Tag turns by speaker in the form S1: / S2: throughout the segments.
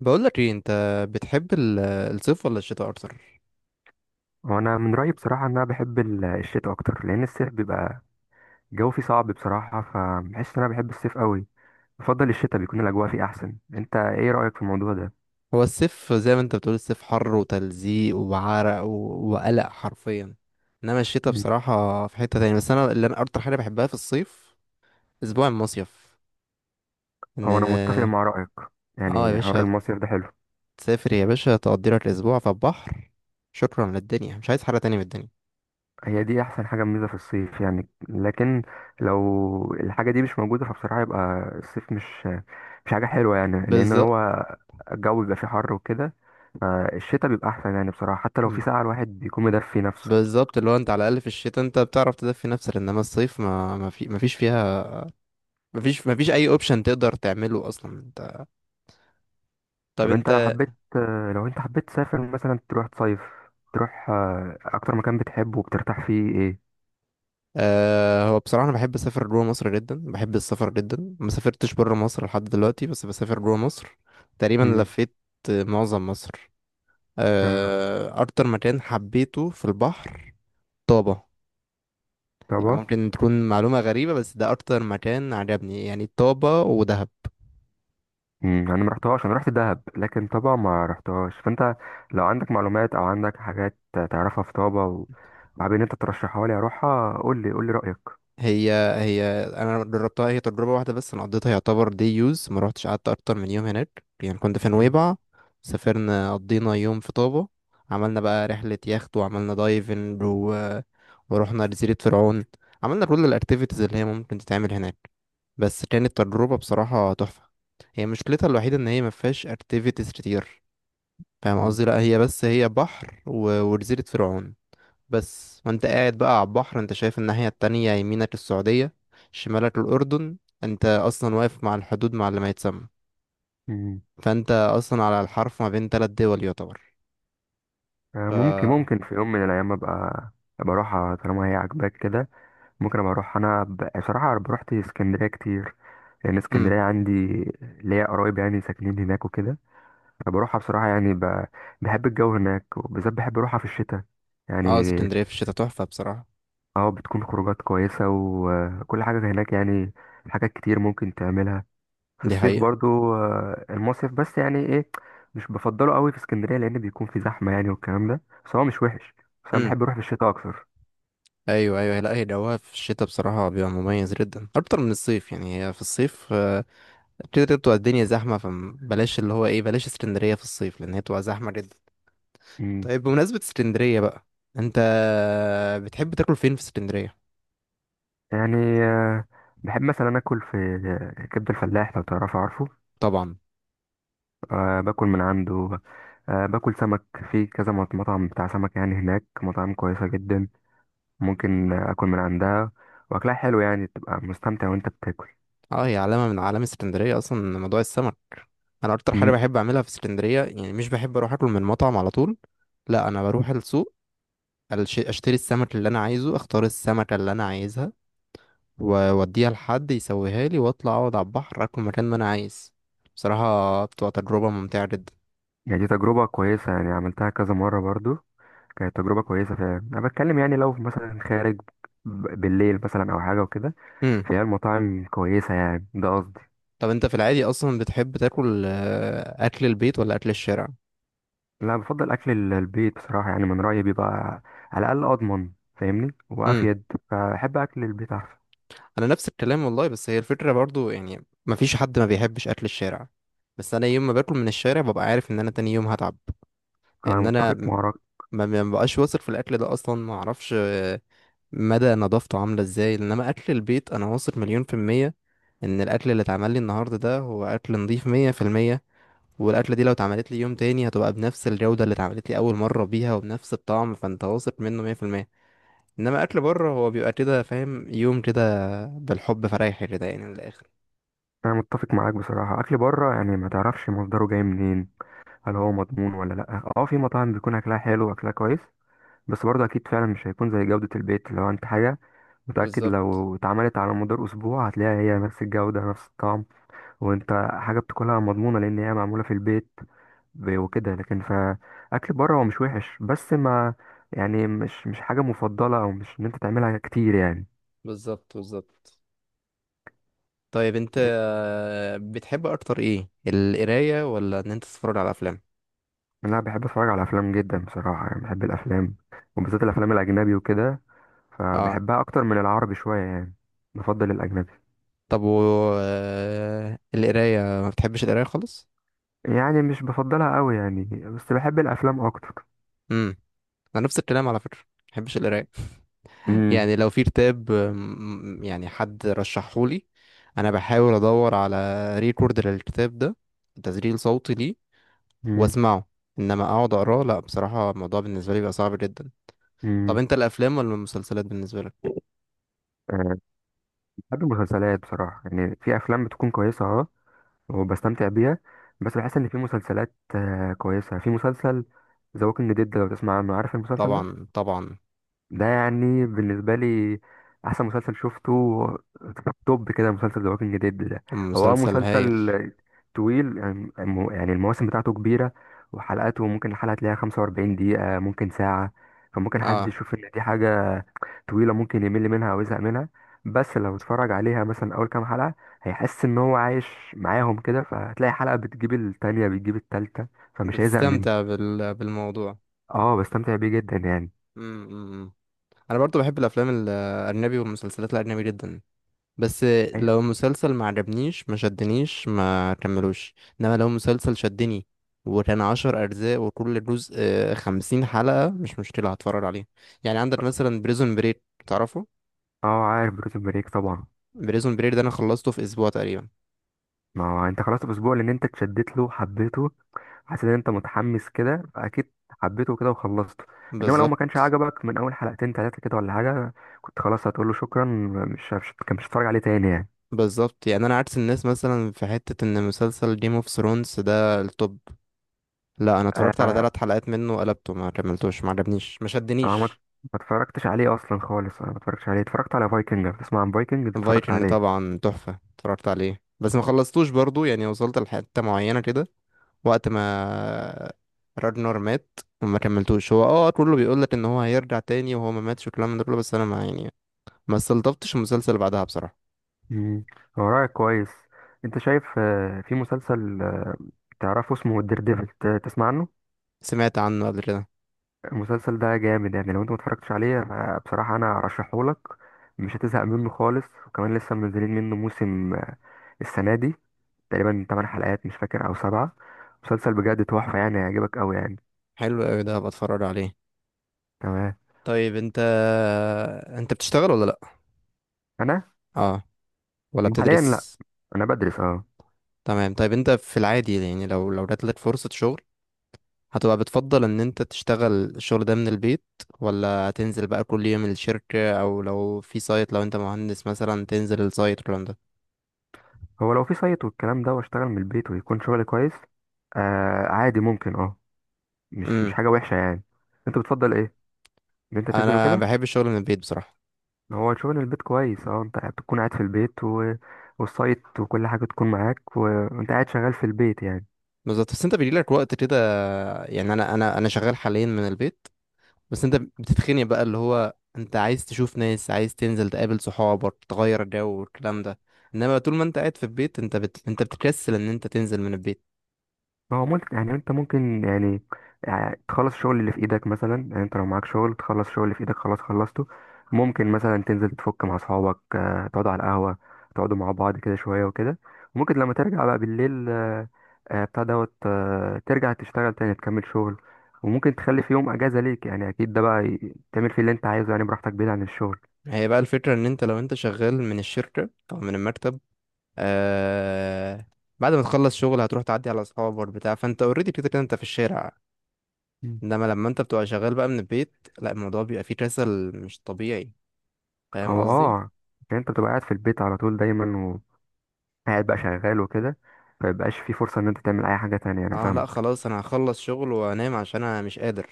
S1: بقول لك ايه انت، بتحب الصيف ولا الشتاء اكتر؟
S2: وانا من رايي بصراحه ان انا بحب الشتاء اكتر، لان الصيف بيبقى الجو فيه صعب بصراحه، فبحس ان انا بحب الصيف قوي. بفضل الشتاء، بيكون الاجواء فيه احسن. انت ايه رايك في الموضوع ده؟
S1: هو الصيف زي ما انت بتقول، الصيف حر وتلزيق وعرق وقلق حرفيا. انما الشتاء
S2: مم.
S1: بصراحة في حتة تانية. بس انا اللي انا اكتر حاجة بحبها في الصيف، اسبوع المصيف. ان
S2: او انا متفق مع رايك،
S1: اه يا
S2: يعني حوار
S1: باشا،
S2: المصيف ده حلو.
S1: تسافر يا باشا، تقضي لك اسبوع في البحر. شكرا للدنيا، مش عايز حاجة تانية من الدنيا.
S2: هي دي احسن حاجه ميزه في الصيف يعني، لكن لو الحاجه دي مش موجوده فبصراحه يبقى الصيف مش حاجه حلوه يعني، لان
S1: بالظبط.
S2: هو الجو بيبقى فيه حر وكده. فالشتاء بيبقى احسن يعني بصراحه، حتى لو في ساعه الواحد بيكون مدفي نفسه.
S1: بالظبط، اللي هو انت على الاقل في الشتاء انت بتعرف تدفي نفسك، انما الصيف ما ما فيش فيها، ما فيش اي اوبشن تقدر تعمله اصلا انت. طب
S2: طب انت
S1: انت
S2: لو انت حبيت تسافر مثلا تروح تصيف، تروح اكتر مكان بتحبه وبترتاح فيه ايه؟
S1: هو بصراحة أنا بحب أسافر جوا مصر جدا، بحب السفر جدا. ما سافرتش برا مصر لحد دلوقتي، بس بسافر جوا مصر. تقريبا
S2: امم.
S1: لفيت معظم مصر.
S2: اه.
S1: أكتر مكان حبيته في البحر، طابة. يعني
S2: طبعا.
S1: ممكن تكون معلومة غريبة، بس ده أكتر مكان عجبني يعني، طابة ودهب.
S2: امم، انا ما رحتهاش، انا رحت دهب لكن طبعا ما رحتهاش. فانت لو عندك معلومات او عندك حاجات تعرفها في طابة وحابب ان انت ترشحها لي اروحها، قول لي قول لي رايك.
S1: هي انا جربتها هي تجربه واحده بس. انا قضيتها يعتبر دي يوز، ما روحتش قعدت اكتر من يوم هناك، يعني كنت في
S2: مم.
S1: نويبع. سافرنا، قضينا يوم في طابة. عملنا بقى رحله يخت وعملنا دايفنج ورحنا جزيره فرعون. عملنا كل الاكتيفيتيز اللي هي ممكن تتعمل هناك. بس كانت تجربه بصراحه تحفه. هي مشكلتها الوحيده ان هي ما فيهاش اكتيفيتيز كتير، فاهم
S2: مم.
S1: قصدي. لا، هي بس هي بحر وجزيره فرعون. بس وانت قاعد بقى على البحر، انت شايف الناحية التانية، يمينك السعودية، شمالك الأردن. انت أصلا واقف مع الحدود مع اللي ما يتسمى.
S2: مم.
S1: فانت أصلا على الحرف ما بين تلات دول يعتبر.
S2: آه،
S1: ف
S2: ممكن في يوم من الايام ابقى اروحها طالما هي عاجباك كده. ممكن ابقى اروح انا، بصراحه أنا روحت اسكندريه كتير، لان
S1: امم.
S2: اسكندريه عندي ليا قرايب يعني ساكنين هناك وكده. فبروحها بصراحه يعني بحب الجو هناك، وبالذات بحب اروحها في الشتاء يعني.
S1: اه، اسكندرية في الشتاء تحفة بصراحة.
S2: اه بتكون خروجات كويسه وكل حاجه هناك يعني، حاجات كتير ممكن تعملها. في
S1: دي
S2: الصيف
S1: حقيقة.
S2: برضو المصيف بس يعني ايه؟ مش بفضله قوي في اسكندريه، لان بيكون في زحمه يعني والكلام ده، بس هو مش وحش. بس انا
S1: امم.
S2: بحب اروح في الشتاء اكتر.
S1: ايوه، ايوه، لا هي جوها في الشتاء بصراحة بيبقى مميز جدا اكتر من الصيف يعني. هي في الصيف كده كده بتبقى الدنيا زحمة، فبلاش اللي هو ايه، بلاش اسكندرية في الصيف لأن هي بتبقى زحمة جدا.
S2: مم.
S1: طيب، بمناسبة اسكندرية بقى، انت بتحب تاكل فين في اسكندرية؟
S2: يعني آه، بحب مثلا اكل في كبد الفلاح لو تعرفه، عارفه.
S1: طبعا.
S2: أه باكل من عنده. أه باكل سمك في كذا مطعم بتاع سمك يعني، هناك مطاعم كويسة جدا ممكن اكل من عندها، واكلها حلو يعني، تبقى مستمتع وانت بتاكل.
S1: اه، هي علامة من علامة اسكندرية اصلا، موضوع السمك. انا اكتر حاجة
S2: مم.
S1: بحب اعملها في اسكندرية يعني، مش بحب اروح اكل من مطعم على طول. لا، انا بروح السوق، اشتري السمك اللي انا عايزه، اختار السمكة اللي انا عايزها، واوديها لحد يسويها لي، واطلع اقعد على البحر اكل مكان ما انا عايز. بصراحة بتبقى تجربة ممتعة جدا.
S2: يعني دي تجربة كويسة، يعني عملتها كذا مرة برضو. كانت تجربة كويسة فعلا. انا بتكلم يعني لو مثلا خارج بالليل مثلا او حاجة وكده،
S1: امم.
S2: فهي المطاعم كويسة يعني، ده قصدي.
S1: طب انت في العادي اصلا بتحب تاكل اكل البيت ولا اكل الشارع؟
S2: لا بفضل اكل البيت بصراحه، يعني من رايي بيبقى على الاقل اضمن، فاهمني وافيد، فاحب اكل البيت احسن.
S1: انا نفس الكلام والله. بس هي الفكره برضو يعني، مفيش حد ما بيحبش اكل الشارع. بس انا يوم ما باكل من الشارع ببقى عارف ان انا تاني يوم هتعب.
S2: انا
S1: لان انا
S2: متفق معاك.
S1: ما ببقاش واثق في الاكل ده اصلا، ما اعرفش مدى نظافته عامله ازاي. انما اكل البيت انا واثق مليون في الميه ان الاكل اللي اتعمل لي النهارده ده هو اكل نظيف 100%. والاكله دي لو اتعملت لي يوم تاني هتبقى بنفس الجوده اللي اتعملت لي اول مره بيها وبنفس الطعم، فانت واثق منه 100%. انما اكل بره هو بيبقى كده، فاهم، يوم كده بالحب فرايح كده يعني، من الاخر.
S2: انا متفق معاك بصراحه، اكل بره يعني ما تعرفش مصدره جاي منين، هل هو مضمون ولا لا. اه، في مطاعم بيكون اكلها حلو واكلها كويس، بس برضه اكيد فعلا مش هيكون زي جوده البيت. لو انت حاجه متاكد
S1: بالظبط،
S2: لو اتعملت على مدار اسبوع هتلاقيها هي نفس الجوده نفس الطعم، وانت حاجه بتاكلها مضمونه لان هي معموله في البيت وكده. لكن فاكل بره هو مش وحش، بس ما يعني مش حاجه مفضله، او مش ان انت تعملها كتير يعني.
S1: بالظبط، بالظبط. طيب، انت بتحب اكتر ايه، القرايه ولا ان انت تتفرج على افلام؟
S2: انا بحب اتفرج على افلام جدا بصراحه، يعني بحب الافلام، وبالذات الافلام الاجنبي وكده،
S1: اه.
S2: فبحبها اكتر من العربي شويه يعني، بفضل الاجنبي.
S1: طب و القرايه ما بتحبش القرايه خالص؟
S2: يعني مش بفضلها قوي يعني، بس بحب الافلام اكتر.
S1: امم. انا نفس الكلام على فكره، ما بحبش القرايه.
S2: امم.
S1: يعني لو في كتاب يعني حد رشحهولي، انا بحاول ادور على ريكورد للكتاب ده، تسجيل صوتي ليه،
S2: امم.
S1: واسمعه. انما اقعد اقراه، لا، بصراحه الموضوع بالنسبه لي بيبقى صعب جدا. طب
S2: امم.
S1: انت الافلام ولا المسلسلات بالنسبه لك؟
S2: أه بحب المسلسلات بصراحه، يعني في افلام بتكون كويسه اه، وبستمتع بيها. بس بحس ان في مسلسلات كويسه. في مسلسل ذا ووكينج ديد، لو تسمع عنه، عارف المسلسل ده
S1: طبعا، طبعا.
S2: ده يعني بالنسبه لي احسن مسلسل شفته، توب كده مسلسل ذا ووكينج ديد ده. هو اه
S1: مسلسل هايل.
S2: مسلسل طويل يعني، يعني المواسم بتاعته كبيره، وحلقاته ممكن الحلقه تلاقيها 45 دقيقه ممكن ساعه. فممكن حد
S1: اه،
S2: يشوف ان دي حاجه طويلة، ممكن يمل منها أو يزهق منها. بس لو اتفرج عليها مثلا أول كام حلقة، هيحس إن هو عايش معاهم كده، فهتلاقي حلقة بتجيب التانية بتجيب التالتة، فمش هيزهق منه.
S1: بتستمتع بالموضوع.
S2: اه بستمتع بيه جدا يعني.
S1: امم. انا برضو بحب الافلام الاجنبي والمسلسلات الاجنبي جدا. بس
S2: أي-
S1: لو مسلسل ما عجبنيش ما شدنيش ما كملوش. انما لو مسلسل شدني وكان 10 اجزاء وكل جزء 50 حلقة، مش مشكلة هتفرج عليه. يعني عندك مثلا بريزون بريك، تعرفه؟
S2: اه عارف بريزون بريك طبعا.
S1: بريزون بريك ده انا خلصته في اسبوع تقريبا.
S2: ما هو انت خلاص الأسبوع لأن انت اتشدت له، حبيته، حسيت إن انت متحمس كده فأكيد حبيته كده وخلصته. انما لو ما كانش
S1: بالظبط،
S2: عجبك من اول حلقتين تلاتة كده ولا حاجة، كنت خلاص هتقول له شكرا، مش مش كان مش هتتفرج عليه تاني يعني.
S1: بالظبط. يعني انا عكس الناس مثلا في حتة، ان مسلسل جيم اوف ثرونز ده التوب. لا، انا اتفرجت على
S2: آه،
S1: 3 حلقات منه، قلبته، ما كملتوش، ما عجبنيش، ما
S2: اه ما
S1: شدنيش.
S2: ما اتفرجتش عليه اصلا خالص، انا ما اتفرجتش عليه. اتفرجت على فايكنج، بتسمع عن فايكنج، اتفرجت
S1: فايكنج
S2: عليه.
S1: طبعا تحفة، اتفرجت عليه بس ما خلصتوش برضو، يعني وصلت لحتة معينة كده، وقت ما راجنر مات وما كملتوش. هو كله بيقول لك ان هو هيرجع تاني وهو ما ماتش والكلام من ده كله، بس انا ما يعني ما استلطفتش المسلسل بعدها بصراحة.
S2: امم. هو رأيك كويس. انت شايف في مسلسل تعرفه اسمه الدير ديفل، تسمع عنه؟
S1: سمعت عنه قبل كده.
S2: المسلسل ده جامد يعني، لو انت ما اتفرجتش عليه بصراحة انا ارشحه لك. مش هتزهق منه خالص، وكمان لسه منزلين منه موسم السنة دي تقريبا 8 حلقات مش فاكر او 7. مسلسل بجد تحفة يعني، هيعجبك قوي يعني.
S1: حلو قوي، ده هبقى اتفرج عليه.
S2: تمام.
S1: طيب، انت بتشتغل ولا لا؟
S2: انا
S1: اه. ولا
S2: حاليا لا،
S1: بتدرس؟
S2: انا بدرس اه.
S1: تمام، طيب انت في العادي يعني، لو جات لك فرصة شغل، هتبقى بتفضل ان انت تشتغل الشغل ده من البيت، ولا تنزل بقى كل يوم الشركة، او لو في سايت، لو انت مهندس مثلا تنزل السايت والكلام ده؟
S2: هو لو في سايت والكلام ده واشتغل من البيت ويكون شغلي كويس آه، عادي ممكن اه، مش
S1: امم.
S2: حاجة وحشة يعني. انت بتفضل ايه؟ ان انت تنزل
S1: انا
S2: وكده.
S1: بحب الشغل من البيت بصراحة.
S2: هو شغل البيت كويس اه، انت بتكون قاعد في البيت والسايت وكل حاجة تكون معاك وانت قاعد شغال في البيت يعني.
S1: بالظبط، بس انت بيجي لك وقت كده، يعني انا شغال حاليا من البيت، بس انت بتتخني بقى اللي هو انت عايز تشوف ناس، عايز تنزل تقابل صحابك، تغير جو والكلام ده. انما طول ما انت قاعد في البيت، انت بتكسل ان انت تنزل من البيت.
S2: ما هو ممكن يعني، انت ممكن يعني تخلص الشغل اللي في ايدك مثلا، يعني انت لو معاك شغل تخلص الشغل اللي في ايدك خلاص خلصته. ممكن مثلا تنزل تفك مع اصحابك تقعدوا على القهوة، تقعدوا مع بعض كده شوية وكده. وممكن لما ترجع بقى بالليل بتاع دوت ترجع تشتغل تاني، تكمل شغل، وممكن تخلي في يوم اجازة ليك يعني، اكيد ده بقى تعمل فيه اللي انت عايزه يعني براحتك بعيد عن الشغل.
S1: هي بقى الفكرة، ان انت لو انت شغال من الشركة او من المكتب آه بعد ما تخلص شغل هتروح تعدي على اصحابك بتاع، فانت اوريدي كده كده انت في الشارع.
S2: مم.
S1: انما لما انت بتبقى شغال بقى من البيت، لا، الموضوع بيبقى فيه كسل مش طبيعي، فاهم
S2: هو
S1: قصدي.
S2: اه يعني انت بتبقى قاعد في البيت على طول دايما، قاعد بقى شغال وكده، فيبقاش في فرصة ان انت تعمل اي حاجة تانية. انا
S1: اه لا،
S2: فاهمك.
S1: خلاص، انا هخلص شغل وانام عشان انا مش قادر.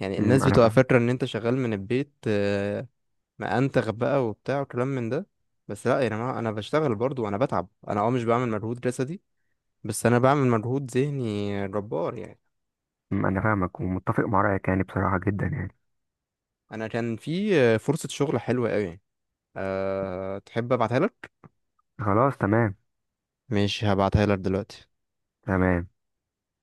S1: يعني
S2: امم.
S1: الناس
S2: انا
S1: بتبقى
S2: فاهم.
S1: فاكرة ان انت شغال من البيت ما انتخ بقى وبتاع وكلام من ده. بس لا يا جماعة، انا بشتغل برضو وانا بتعب، انا مش بعمل مجهود جسدي، بس انا بعمل مجهود ذهني جبار يعني.
S2: امم. انا فاهمك ومتفق مع رأيك يعني بصراحة جدا يعني.
S1: انا كان في فرصة شغل حلوة قوي، تحب ابعتها لك؟
S2: خلاص. تمام.
S1: ماشي هبعتها لك دلوقتي.
S2: تمام.